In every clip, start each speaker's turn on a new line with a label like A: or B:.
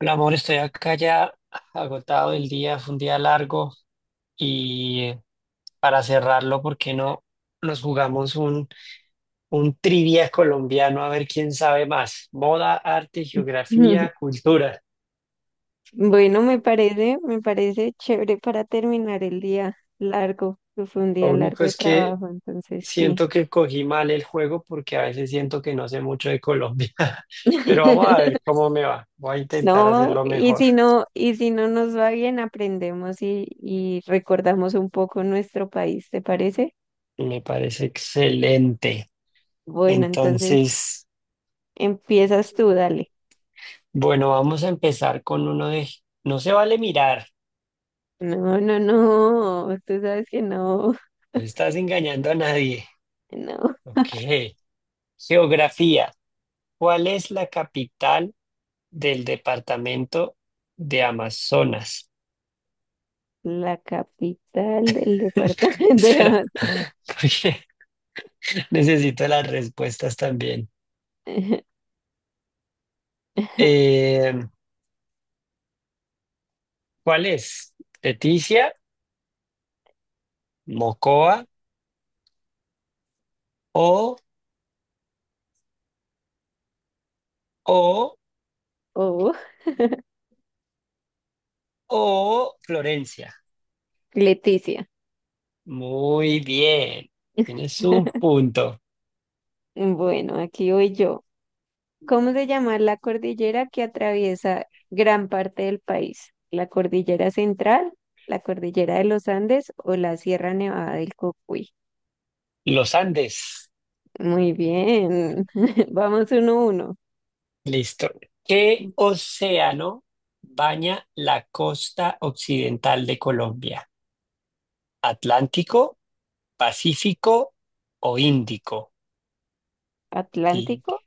A: Hola, amor, estoy acá ya agotado del día, fue un día largo y eh, para cerrarlo, ¿por qué no nos jugamos un trivia colombiano a ver quién sabe más? Moda, arte, geografía, cultura.
B: Bueno, me parece chévere para terminar el día largo, que fue un
A: Lo
B: día largo
A: único
B: de
A: es que
B: trabajo, entonces sí.
A: siento que cogí mal el juego porque a veces siento que no sé mucho de Colombia, pero vamos a ver cómo me va. Voy a intentar
B: No,
A: hacerlo
B: y
A: mejor.
B: si no, y si no nos va bien, aprendemos y recordamos un poco nuestro país, ¿te parece?
A: Me parece excelente.
B: Bueno, entonces
A: Entonces...
B: empiezas tú, dale.
A: Bueno, vamos a empezar con uno de... No se vale mirar,
B: No, no, no, tú sabes que no,
A: no estás engañando a nadie.
B: no.
A: Ok. Geografía. ¿Cuál es la capital del departamento de Amazonas?
B: La capital del departamento de
A: Espera,
B: Amazon.
A: porque necesito las respuestas también. Eh, ¿Cuál es? ¿Leticia, Mocoa o, o,
B: Oh,
A: o Florencia?
B: Leticia.
A: Muy bien. Tienes un punto.
B: Bueno, aquí voy yo. ¿Cómo se llama la cordillera que atraviesa gran parte del país? ¿La cordillera central, la cordillera de los Andes o la Sierra Nevada del Cocuy?
A: Los Andes.
B: Muy bien. Vamos uno a uno.
A: Listo. ¿Qué océano baña la costa occidental de Colombia? ¿Atlántico, Pacífico o Índico? Y
B: ¿Atlántico?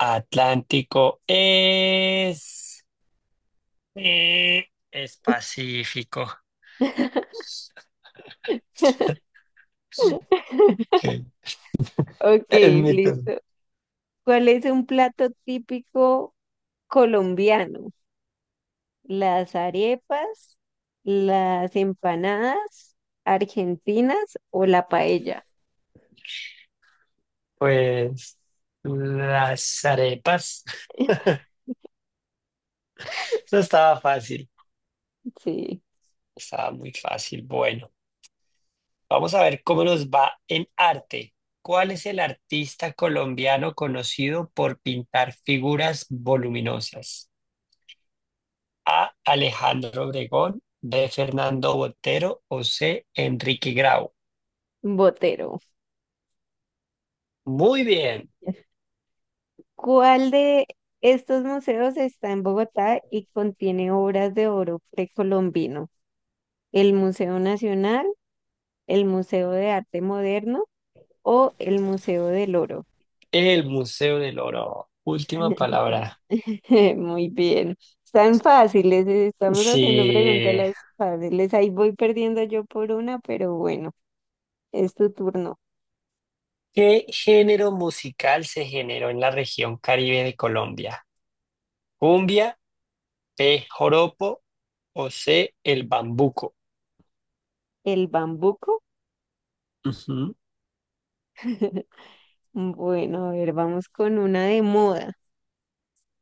A: Atlántico es Pacífico. Ok,
B: Ok,
A: es mi turno.
B: listo. ¿Cuál es un plato típico colombiano? ¿Las arepas, las empanadas argentinas o la paella?
A: Pues las arepas. Eso estaba fácil.
B: Sí.
A: Estaba muy fácil. Bueno. Vamos a ver cómo nos va en arte. ¿Cuál es el artista colombiano conocido por pintar figuras voluminosas? A. Alejandro Obregón, B. Fernando Botero o C. Enrique Grau.
B: Botero.
A: Muy bien,
B: ¿Cuál de estos museos está en Bogotá y contiene obras de oro precolombino? ¿El Museo Nacional, el Museo de Arte Moderno o el Museo del Oro?
A: el Museo del Oro. Última palabra.
B: Muy bien. Están fáciles, estamos haciendo preguntas
A: Sí.
B: las fáciles. Ahí voy perdiendo yo por una, pero bueno, es tu turno.
A: ¿Qué género musical se generó en la región Caribe de Colombia? ¿Cumbia, B. Joropo o C. El Bambuco?
B: ¿El bambuco?
A: Ujú.
B: Bueno, a ver, vamos con una de moda.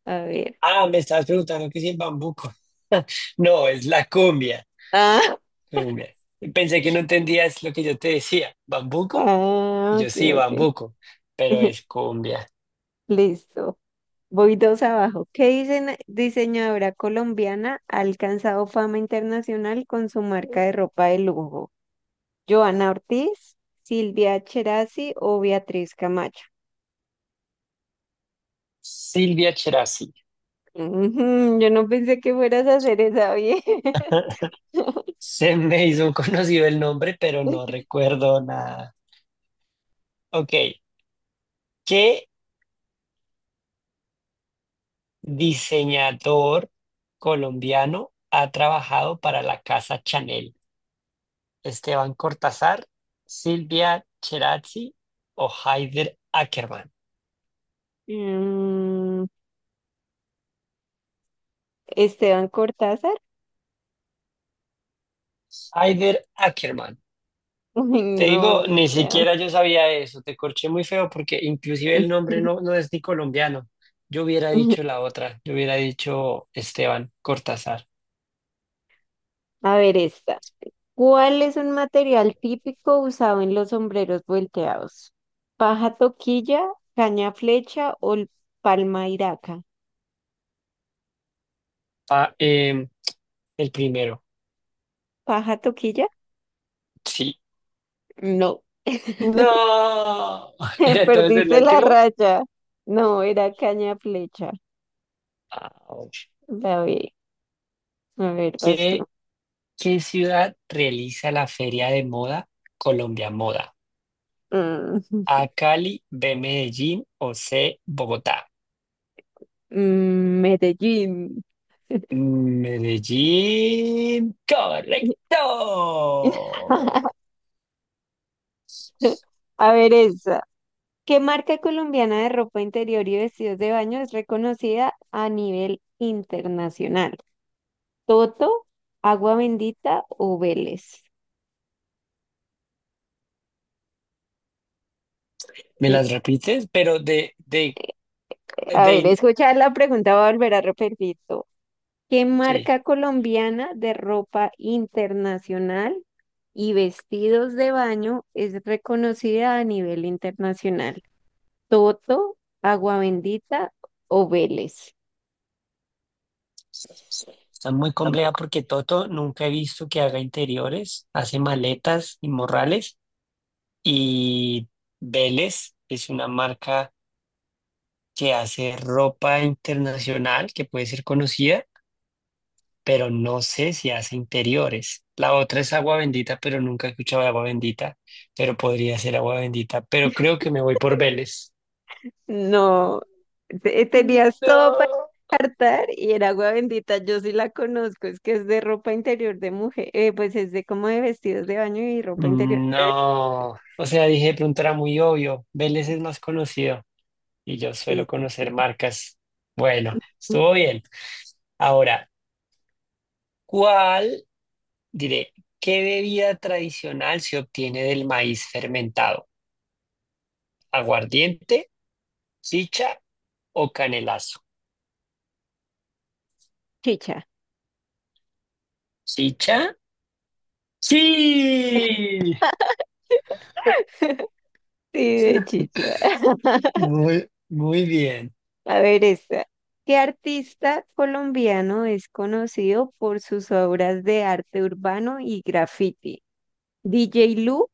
B: A ver.
A: Ah, me estabas preguntando qué es el bambuco. No, es la cumbia,
B: Ah,
A: cumbia. Pensé que no entendías lo que yo te decía. ¿Bambuco? Y
B: Ah,
A: yo
B: ok,
A: sí,
B: ok.
A: bambuco, pero es cumbia.
B: Listo. Voy dos abajo. ¿Qué dicen, diseñadora colombiana ha alcanzado fama internacional con su marca de ropa de lujo? ¿Joana Ortiz, Silvia Cherasi o Beatriz Camacho?
A: Silvia Cherasi.
B: Ujú, yo no pensé que fueras a hacer esa bien.
A: Se me hizo conocido el nombre, pero no recuerdo nada. Ok, ¿qué diseñador colombiano ha trabajado para la casa Chanel? ¿Esteban Cortázar, Silvia Cherasi o Haider Ackermann?
B: Mm, Esteban Cortázar.
A: Aider Ackerman.
B: Uy,
A: Te
B: no,
A: digo,
B: ni
A: ni
B: idea.
A: siquiera yo sabía eso. Te corché muy feo porque inclusive el nombre no es ni colombiano. Yo hubiera dicho la otra. Yo hubiera dicho Esteban Cortázar.
B: A ver esta. ¿Cuál es un material típico usado en los sombreros volteados? ¿Paja toquilla, caña flecha o palma iraca?
A: Ah, em, el primero.
B: ¿Paja toquilla?
A: Sí.
B: No.
A: No. ¿Era entonces el
B: Perdiste la
A: último?
B: raya. No, era caña flecha.
A: Ouch.
B: La B. A ver, vas tú.
A: ¿Qué, ¿qué ciudad realiza la feria de moda Colombia Moda?
B: Mm,
A: ¿A Cali, B Medellín o C Bogotá?
B: Medellín.
A: Medellín, correcto.
B: A ver, esa. ¿Qué marca colombiana de ropa interior y vestidos de baño es reconocida a nivel internacional? ¿Toto, Agua Bendita o Vélez?
A: ¿Me
B: Eh,
A: las repites? Pero
B: A ver,
A: de,
B: escuchar la pregunta, voy a volver a repetir. Todo. ¿Qué
A: sí,
B: marca colombiana de ropa internacional y vestidos de baño es reconocida a nivel internacional? ¿Toto, Agua Bendita o Vélez?
A: está muy compleja porque Toto nunca he visto que haga interiores, hace maletas y morrales y Vélez es una marca que hace ropa internacional que puede ser conocida, pero no sé si hace interiores. La otra es agua bendita, pero nunca he escuchado de agua bendita, pero podría ser agua bendita, pero creo que me voy por Vélez.
B: No, te- tenías todo
A: No.
B: estar y era agua bendita, yo sí la conozco, es que es de ropa interior de mujer, pues es de como de vestidos de baño y ropa interior. De-
A: No, o sea, dije, de pronto era muy obvio, Vélez es más conocido y yo
B: Sí,
A: suelo
B: sí,
A: conocer marcas. Bueno,
B: sí.
A: estuvo bien. Ahora, ¿cuál, diré, ¿qué bebida tradicional se obtiene del maíz fermentado? ¿Aguardiente, chicha o canelazo?
B: Chicha.
A: Chicha. Sí,
B: Sí, de chicha.
A: muy bien.
B: A ver esta. ¿Qué artista colombiano es conocido por sus obras de arte urbano y graffiti? ¿DJ Lu,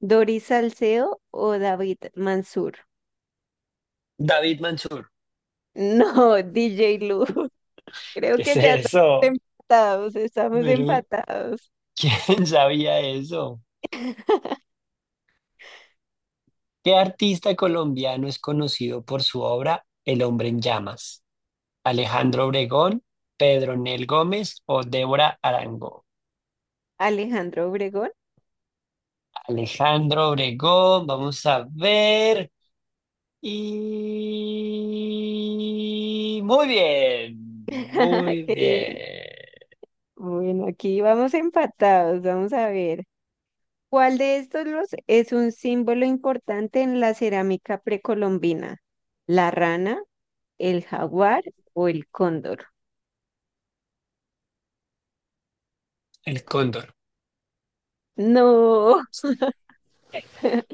B: Doris Salcedo o David Mansur?
A: David Mansur,
B: No, DJ Lu. Creo
A: ¿qué es
B: que ya estamos
A: eso?
B: empatados, estamos
A: Pero,
B: empatados.
A: ¿quién sabía eso? ¿Qué artista colombiano es conocido por su obra El hombre en llamas? ¿Alejandro Obregón, Pedro Nel Gómez o Débora Arango?
B: Alejandro Obregón,
A: Alejandro Obregón, vamos a ver. Y muy bien, muy
B: qué bien.
A: bien.
B: Bueno, aquí vamos empatados, vamos a ver. ¿Cuál de estos los es un símbolo importante en la cerámica precolombina? ¿La rana, el jaguar o el cóndor?
A: El cóndor.
B: No,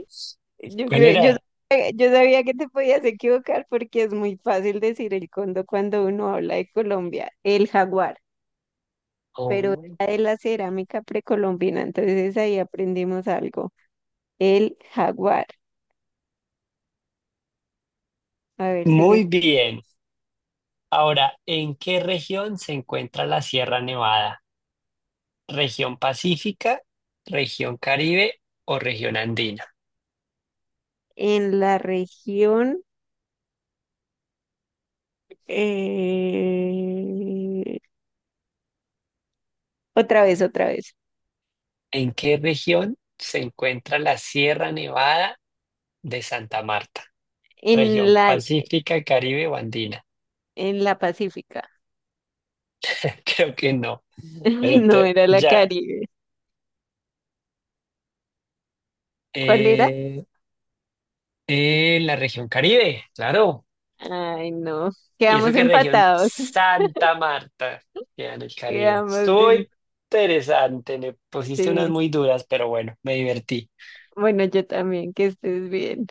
B: yo
A: ¿Cuál
B: creo,
A: era?
B: yo sabía que te podías equivocar porque es muy fácil decir el cóndor cuando uno habla de Colombia. El jaguar.
A: Oh,
B: Pero
A: muy
B: era de la cerámica precolombina, entonces ahí aprendimos algo. El jaguar, a ver, sigues
A: bien. Ahora, ¿en qué región se encuentra la Sierra Nevada? ¿Región Pacífica, región Caribe o región Andina?
B: en la región, eh, otra vez,
A: ¿En qué región se encuentra la Sierra Nevada de Santa Marta?
B: en
A: ¿Región
B: la,
A: Pacífica, Caribe o Andina?
B: en la Pacífica,
A: Creo que no, pero
B: no
A: te-
B: era la
A: ya.
B: Caribe. ¿Cuál era?
A: eh, la región Caribe, claro.
B: Ay, no,
A: Y eso
B: quedamos
A: que región
B: empatados,
A: Santa Marta queda en el Caribe.
B: quedamos
A: Estuvo
B: en...
A: interesante, me pusiste unas
B: sí.
A: muy duras, pero bueno, me divertí.
B: Bueno, yo también, que estés bien.